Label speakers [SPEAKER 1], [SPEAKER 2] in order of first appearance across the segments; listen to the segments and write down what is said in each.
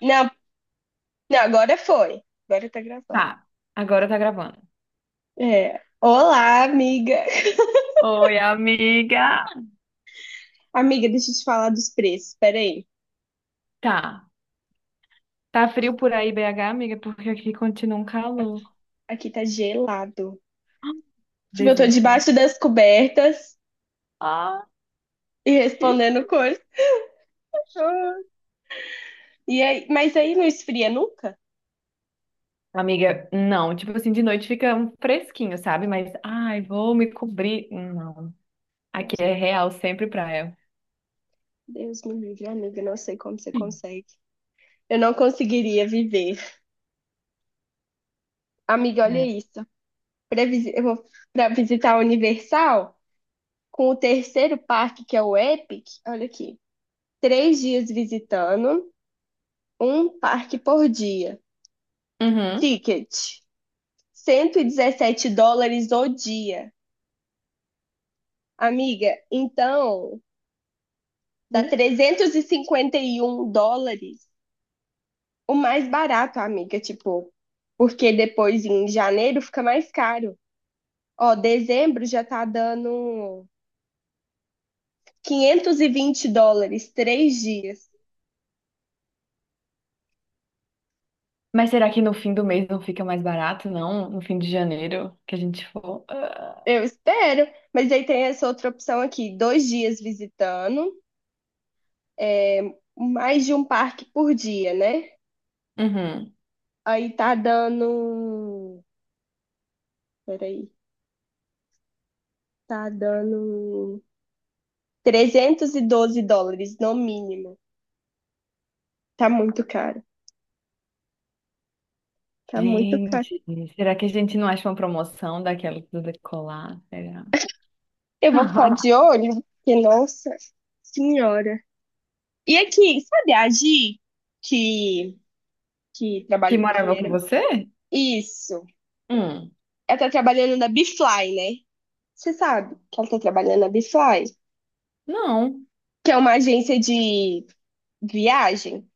[SPEAKER 1] Não, não, agora foi. Agora tá gravando.
[SPEAKER 2] Tá, agora tá gravando.
[SPEAKER 1] É. Olá, amiga.
[SPEAKER 2] Oi, amiga!
[SPEAKER 1] Amiga, deixa eu te falar dos preços. Peraí.
[SPEAKER 2] Tá. Tá frio por aí, BH, amiga, porque aqui continua um calor.
[SPEAKER 1] Aqui tá gelado. Tipo, eu tô
[SPEAKER 2] Delícia.
[SPEAKER 1] debaixo das cobertas
[SPEAKER 2] Ah,
[SPEAKER 1] e
[SPEAKER 2] que
[SPEAKER 1] respondendo coisas.
[SPEAKER 2] show!
[SPEAKER 1] E aí, mas aí não esfria nunca?
[SPEAKER 2] Amiga, não, tipo assim, de noite fica um fresquinho, sabe? Mas, ai, vou me cobrir. Não. Aqui
[SPEAKER 1] Nossa,
[SPEAKER 2] é real, sempre praia.
[SPEAKER 1] Deus me livre, amiga. Eu não sei como você
[SPEAKER 2] Hum.
[SPEAKER 1] consegue. Eu não conseguiria viver. Amiga, olha
[SPEAKER 2] É.
[SPEAKER 1] isso. Eu vou pra visitar a Universal com o terceiro parque, que é o Epic. Olha aqui. Três dias visitando. Um parque por dia.
[SPEAKER 2] Uhum.
[SPEAKER 1] Ticket, $117 o dia. Amiga, então dá
[SPEAKER 2] Hum.
[SPEAKER 1] $351. O mais barato, amiga, tipo, porque depois em janeiro fica mais caro. Ó, dezembro já tá dando $520, três dias.
[SPEAKER 2] Mas será que no fim do mês não fica mais barato, não? No fim de janeiro que a gente for? Ah.
[SPEAKER 1] Eu espero, mas aí tem essa outra opção aqui, dois dias visitando, é, mais de um parque por dia, né?
[SPEAKER 2] Uhum.
[SPEAKER 1] Aí tá dando. Peraí. Tá dando $312 no mínimo. Tá muito caro. Tá muito caro.
[SPEAKER 2] Gente, será que a gente não acha uma promoção daquela do decolar? Será?
[SPEAKER 1] Eu vou ficar de olho, porque, nossa senhora. E aqui, sabe a Gi que, que
[SPEAKER 2] Que
[SPEAKER 1] trabalha, que
[SPEAKER 2] morava com
[SPEAKER 1] era.
[SPEAKER 2] você?
[SPEAKER 1] Isso.
[SPEAKER 2] Hum,
[SPEAKER 1] Ela tá trabalhando na Bfly, né? Você sabe que ela tá trabalhando na Bfly,
[SPEAKER 2] não,
[SPEAKER 1] que é uma agência de viagem.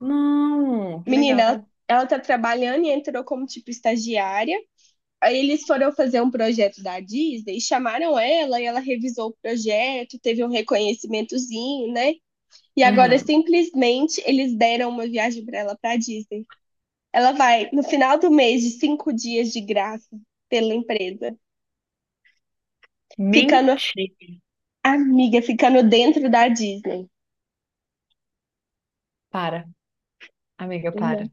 [SPEAKER 2] não, que
[SPEAKER 1] Menina, ela,
[SPEAKER 2] legal.
[SPEAKER 1] ela tá trabalhando e entrou como tipo estagiária. Aí eles foram fazer um projeto da Disney, chamaram ela e ela revisou o projeto, teve um reconhecimentozinho, né? E agora
[SPEAKER 2] Uhum.
[SPEAKER 1] simplesmente eles deram uma viagem para ela para Disney. Ela vai no final do mês de cinco dias de graça pela empresa, ficando
[SPEAKER 2] Mentira.
[SPEAKER 1] amiga, ficando dentro da Disney.
[SPEAKER 2] Para, amiga,
[SPEAKER 1] Né?
[SPEAKER 2] para.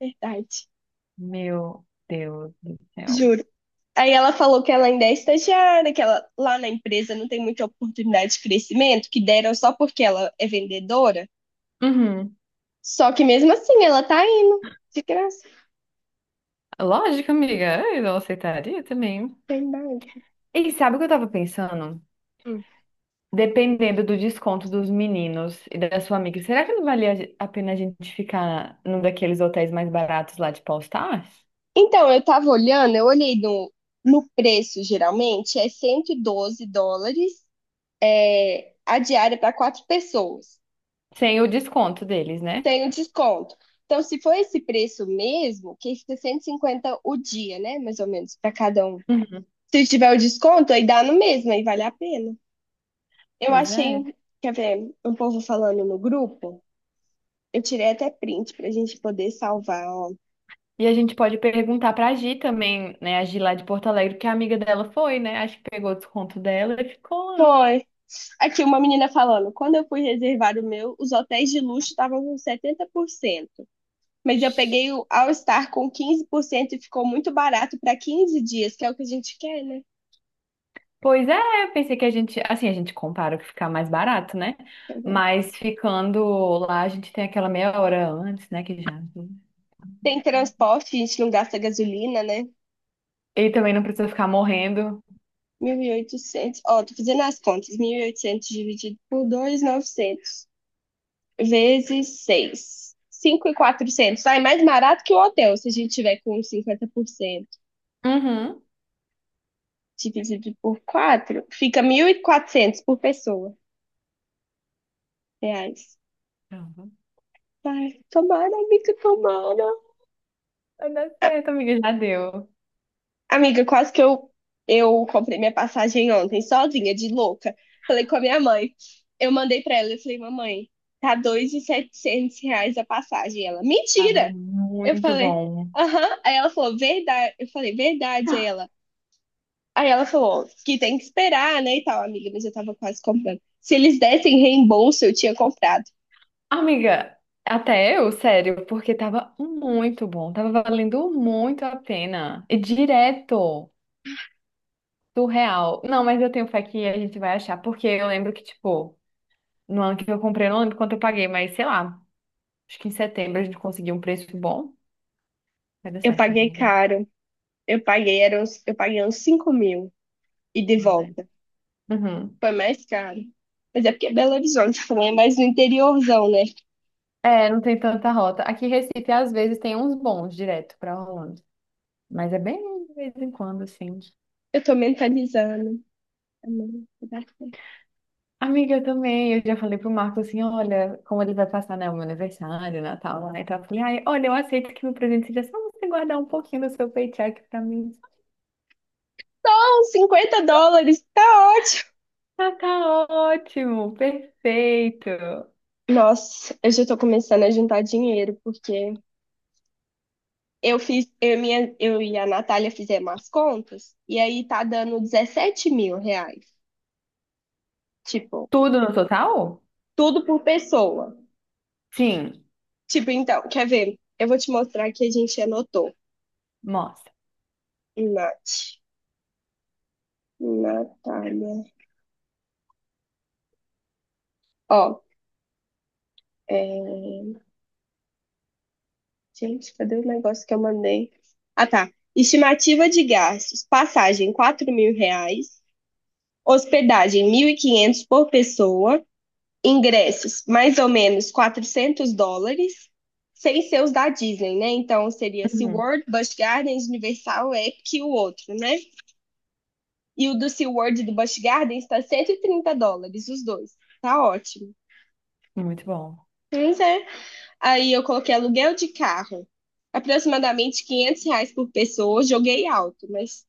[SPEAKER 1] Verdade,
[SPEAKER 2] Meu Deus do céu.
[SPEAKER 1] juro. Aí ela falou que ela ainda é estagiária, que ela lá na empresa não tem muita oportunidade de crescimento, que deram só porque ela é vendedora.
[SPEAKER 2] Uhum.
[SPEAKER 1] Só que mesmo assim, ela tá indo. De graça,
[SPEAKER 2] Lógico, amiga, eu aceitaria também.
[SPEAKER 1] tem mais.
[SPEAKER 2] E sabe o que eu tava pensando?
[SPEAKER 1] Hum.
[SPEAKER 2] Dependendo do desconto dos meninos e da sua amiga, será que não valia a pena a gente ficar num daqueles hotéis mais baratos lá de Paul Stars?
[SPEAKER 1] Então, eu tava olhando, eu olhei no preço, geralmente, é $112 é, a diária para quatro pessoas.
[SPEAKER 2] Sem o desconto deles, né?
[SPEAKER 1] Tem o desconto. Então, se for esse preço mesmo, que fica 150 o dia, né? Mais ou menos, para cada um.
[SPEAKER 2] Uhum.
[SPEAKER 1] Se tiver o desconto, aí dá no mesmo, aí vale a pena. Eu
[SPEAKER 2] Pois é.
[SPEAKER 1] achei, quer ver, um povo falando no grupo. Eu tirei até print pra gente poder salvar, ó.
[SPEAKER 2] E a gente pode perguntar pra Gi também, né? A Gi lá de Porto Alegre, que a amiga dela foi, né? Acho que pegou o desconto dela e ficou lá.
[SPEAKER 1] Foi. Aqui, uma menina falando, quando eu fui reservar o meu, os hotéis de luxo estavam com 70%, mas eu peguei o All Star com 15% e ficou muito barato para 15 dias, que é o que a gente quer, né?
[SPEAKER 2] Pois é, eu pensei que a gente, assim, a gente compara o que ficar mais barato, né?
[SPEAKER 1] Deixa eu ver.
[SPEAKER 2] Mas ficando lá, a gente tem aquela meia hora antes, né? Que já.
[SPEAKER 1] Tem transporte, a gente não gasta gasolina, né?
[SPEAKER 2] E também não precisa ficar morrendo.
[SPEAKER 1] 1.800. Ó, tô fazendo as contas. 1.800 dividido por dois, 1.900 vezes seis. 5.400. Sai mais barato que o hotel, se a gente tiver com 50%
[SPEAKER 2] Uhum.
[SPEAKER 1] dividido por 4. Fica 1.400 por pessoa. Reais.
[SPEAKER 2] Pronto.
[SPEAKER 1] Ai, tomara.
[SPEAKER 2] Vai dar certo, amiga, já deu.
[SPEAKER 1] Amiga, quase que eu comprei minha passagem ontem, sozinha, de louca. Falei com a minha mãe. Eu mandei pra ela, eu falei, mamãe, tá R$ 2.700 a passagem. Ela,
[SPEAKER 2] Tava
[SPEAKER 1] mentira! Eu
[SPEAKER 2] muito
[SPEAKER 1] falei,
[SPEAKER 2] bom.
[SPEAKER 1] aham. Aí ela falou, verdade. Eu falei, verdade. Aí ela falou que tem que esperar, né, e tal, amiga, mas eu tava quase comprando. Se eles dessem reembolso, eu tinha comprado.
[SPEAKER 2] Amiga, até eu, sério, porque tava muito bom, tava valendo muito a pena. E direto do real. Não, mas eu tenho fé que a gente vai achar, porque eu lembro que, tipo, no ano que eu comprei, eu não lembro quanto eu paguei, mas sei lá, acho que em setembro a gente conseguiu um preço bom. Vai dar
[SPEAKER 1] Eu
[SPEAKER 2] certo,
[SPEAKER 1] paguei
[SPEAKER 2] amiga.
[SPEAKER 1] caro. Eu paguei, era uns, eu paguei uns 5.000 e de
[SPEAKER 2] Ah, né?
[SPEAKER 1] volta.
[SPEAKER 2] Uhum.
[SPEAKER 1] Foi mais caro. Mas é porque é Belo Horizonte também, é mais no interiorzão, né?
[SPEAKER 2] É, não tem tanta rota. Aqui em Recife, às vezes, tem uns bons direto pra Orlando, mas é bem de vez em quando, assim.
[SPEAKER 1] Eu tô mentalizando. Amém, vai dar certo.
[SPEAKER 2] Amiga, eu também. Eu já falei pro Marco assim: olha, como ele vai passar, né, o meu aniversário, Natal, lá e tal. Eu falei: ai, olha, eu aceito que meu presente seja só você guardar um pouquinho do seu paycheck pra mim.
[SPEAKER 1] Então, $50, tá ótimo.
[SPEAKER 2] Ah, tá ótimo, perfeito.
[SPEAKER 1] Nossa, eu já tô começando a juntar dinheiro, porque eu fiz, eu, e minha, eu e a Natália fizemos as contas, e aí tá dando 17 mil reais. Tipo,
[SPEAKER 2] Tudo no total?
[SPEAKER 1] tudo por pessoa.
[SPEAKER 2] Sim,
[SPEAKER 1] Tipo, então, quer ver? Eu vou te mostrar que a gente anotou.
[SPEAKER 2] mostra.
[SPEAKER 1] Nath, Natália. Ó, é, gente, cadê o negócio que eu mandei? Ah, tá. Estimativa de gastos: passagem R$ 4.000, hospedagem 1.500 por pessoa, ingressos mais ou menos $400, sem ser os da Disney, né? Então seria
[SPEAKER 2] Uhum,
[SPEAKER 1] SeaWorld, Busch Gardens, Universal, Epic e o outro, né? E o do SeaWorld e do Busch Gardens está $130, os dois. Tá ótimo.
[SPEAKER 2] muito bom.
[SPEAKER 1] Mas é, aí eu coloquei aluguel de carro, aproximadamente R$ 500 por pessoa, joguei alto, mas.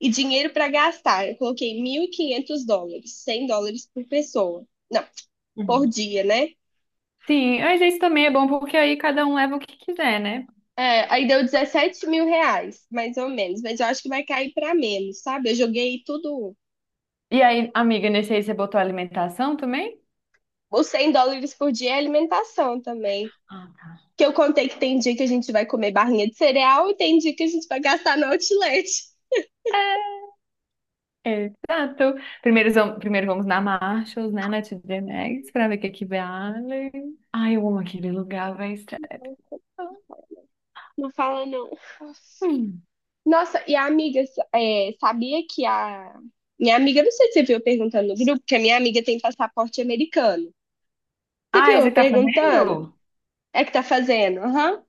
[SPEAKER 1] E dinheiro para gastar, eu coloquei $1.500, $100 por pessoa. Não, por
[SPEAKER 2] Uhum.
[SPEAKER 1] dia, né?
[SPEAKER 2] Sim, mas isso também é bom porque aí cada um leva o que quiser, né?
[SPEAKER 1] É, aí deu 17 mil reais, mais ou menos, mas eu acho que vai cair para menos, sabe? Eu joguei tudo.
[SPEAKER 2] E aí, amiga, nesse aí você botou alimentação também?
[SPEAKER 1] Os $100 por dia é alimentação também.
[SPEAKER 2] Ah,
[SPEAKER 1] Que eu contei que tem dia que a gente vai comer barrinha de cereal e tem dia que a gente vai gastar no outlet.
[SPEAKER 2] tá. Exato. Primeiro vamos na Marshalls, né, na TJ Maxx, pra ver o que é que vale. Ai, eu amo aquele lugar, vai estar.
[SPEAKER 1] Não fala, não.
[SPEAKER 2] Hum.
[SPEAKER 1] Nossa, e a amiga, é, sabia que a. Minha amiga, não sei se você viu eu perguntando no grupo, que a minha amiga tem passaporte americano. Você
[SPEAKER 2] Ah,
[SPEAKER 1] viu
[SPEAKER 2] esse
[SPEAKER 1] eu
[SPEAKER 2] que tá
[SPEAKER 1] perguntando?
[SPEAKER 2] fazendo?
[SPEAKER 1] É que tá fazendo? Aham.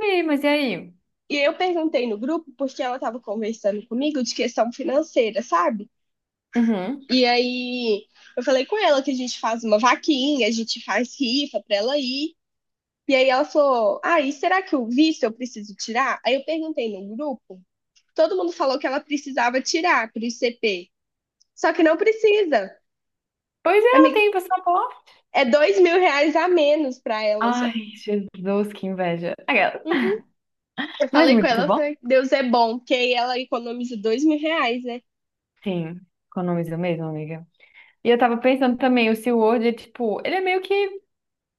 [SPEAKER 2] Sim, mas e aí?
[SPEAKER 1] E eu perguntei no grupo porque ela tava conversando comigo de questão financeira, sabe?
[SPEAKER 2] Uhum.
[SPEAKER 1] E aí eu falei com ela que a gente faz uma vaquinha, a gente faz rifa pra ela ir. E aí ela falou: ah, e será que o visto eu preciso tirar? Aí eu perguntei no grupo, todo mundo falou que ela precisava tirar pro ICP. Só que não precisa.
[SPEAKER 2] Pois é, ela
[SPEAKER 1] Amiga,
[SPEAKER 2] tem passaporte.
[SPEAKER 1] é R$ 2.000 a menos pra ela
[SPEAKER 2] Ai,
[SPEAKER 1] já.
[SPEAKER 2] Jesus, que inveja. Aquela.
[SPEAKER 1] Uhum. Eu
[SPEAKER 2] Mas
[SPEAKER 1] falei com
[SPEAKER 2] muito
[SPEAKER 1] ela,
[SPEAKER 2] bom.
[SPEAKER 1] foi, Deus é bom, porque aí ela economiza R$ 2.000, né?
[SPEAKER 2] Sim, economiza mesmo, amiga. E eu tava pensando também, o SeaWorld é tipo, ele é meio que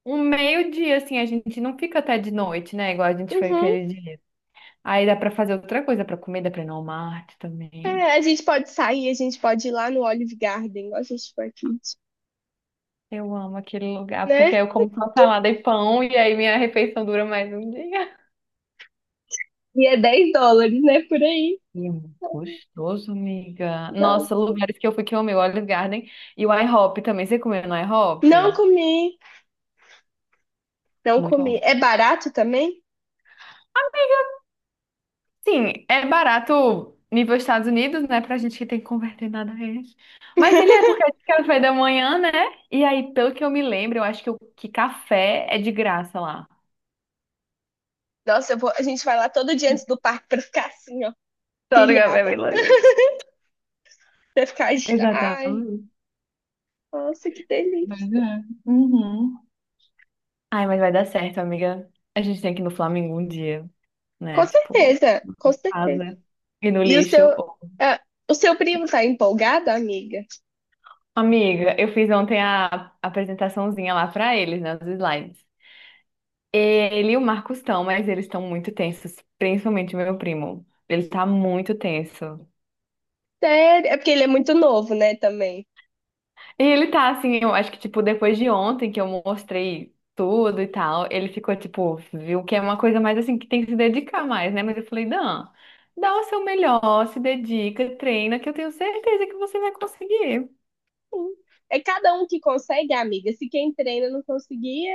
[SPEAKER 2] um meio-dia, assim, a gente não fica até de noite, né? Igual a gente foi
[SPEAKER 1] Uhum.
[SPEAKER 2] aquele dia. Aí dá pra fazer outra coisa, pra comer, dá pra ir no Walmart também.
[SPEAKER 1] É, a gente pode sair, a gente pode ir lá no Olive Garden, igual a gente foi aqui,
[SPEAKER 2] Eu amo aquele lugar,
[SPEAKER 1] né?
[SPEAKER 2] porque eu como só salada e pão, e aí minha refeição dura mais um dia.
[SPEAKER 1] E é $10, né? Por aí.
[SPEAKER 2] E é muito gostoso, amiga.
[SPEAKER 1] Nossa.
[SPEAKER 2] Nossa, lugares que eu fui que eu amei, o Olive Garden e o IHOP também. Você comeu no
[SPEAKER 1] Não
[SPEAKER 2] IHOP?
[SPEAKER 1] comi, não
[SPEAKER 2] Muito
[SPEAKER 1] comi.
[SPEAKER 2] bom.
[SPEAKER 1] É barato também?
[SPEAKER 2] Sim, é barato nível Estados Unidos, né? Pra gente que tem que converter nada a eles. Mas ele é porque é de café da manhã, né? E aí, pelo que eu me lembro, eu acho que, o que café é de graça lá.
[SPEAKER 1] Nossa, a gente vai lá todo dia antes do parque pra ficar assim, ó,
[SPEAKER 2] Só no café, é
[SPEAKER 1] pilhada.
[SPEAKER 2] bem louco.
[SPEAKER 1] Pra ficar. Ai,
[SPEAKER 2] Exatamente.
[SPEAKER 1] nossa, que delícia.
[SPEAKER 2] Pois é. Uhum. Ai, mas vai dar certo, amiga. A gente tem que ir no Flamengo um dia,
[SPEAKER 1] Com
[SPEAKER 2] né? Tipo,
[SPEAKER 1] certeza, com certeza.
[SPEAKER 2] casa e no
[SPEAKER 1] E o
[SPEAKER 2] lixo.
[SPEAKER 1] seu, ah, o seu primo tá empolgado, amiga?
[SPEAKER 2] Amiga, eu fiz ontem a apresentaçãozinha lá pra eles, né? Os slides. Ele e o Marcos estão, mas eles estão muito tensos, principalmente o meu primo. Ele tá muito tenso.
[SPEAKER 1] Sério? É porque ele é muito novo, né, também.
[SPEAKER 2] E ele tá assim, eu acho que, tipo, depois de ontem que eu mostrei tudo e tal, ele ficou, tipo, viu que é uma coisa mais assim, que tem que se dedicar mais, né? Mas eu falei, Dan, dá o seu melhor, se dedica, treina, que eu tenho certeza que você vai conseguir.
[SPEAKER 1] Sim. É cada um que consegue, amiga. Se quem treina não conseguia,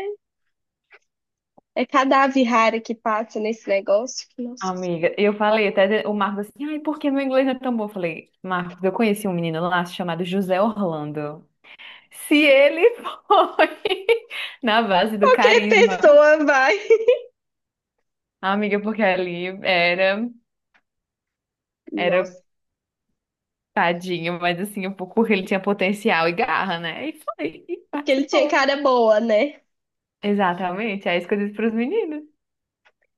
[SPEAKER 1] é cada ave rara que passa nesse negócio. Que, nossa,
[SPEAKER 2] Amiga, eu falei até o Marcos assim, ai, por que meu inglês não é tão bom? Eu falei, Marcos, eu conheci um menino lá chamado José Orlando. Se ele foi na base do
[SPEAKER 1] qualquer
[SPEAKER 2] carisma,
[SPEAKER 1] pessoa vai.
[SPEAKER 2] amiga, porque ali era. Era
[SPEAKER 1] Nossa,
[SPEAKER 2] tadinho, mas assim, o Curry ele tinha potencial e garra, né? E foi, e
[SPEAKER 1] porque ele tinha
[SPEAKER 2] participou.
[SPEAKER 1] cara boa, né?
[SPEAKER 2] Exatamente, é isso que eu disse pros meninos.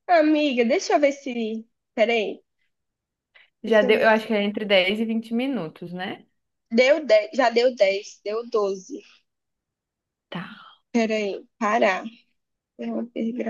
[SPEAKER 1] Amiga, deixa eu ver se. Peraí,
[SPEAKER 2] Já
[SPEAKER 1] deixa eu
[SPEAKER 2] deu, eu
[SPEAKER 1] ver.
[SPEAKER 2] acho que é entre 10 e 20 minutos, né?
[SPEAKER 1] Deu 10, já deu 10, deu 12.
[SPEAKER 2] Tá.
[SPEAKER 1] Peraí, parar. É uma pergunta.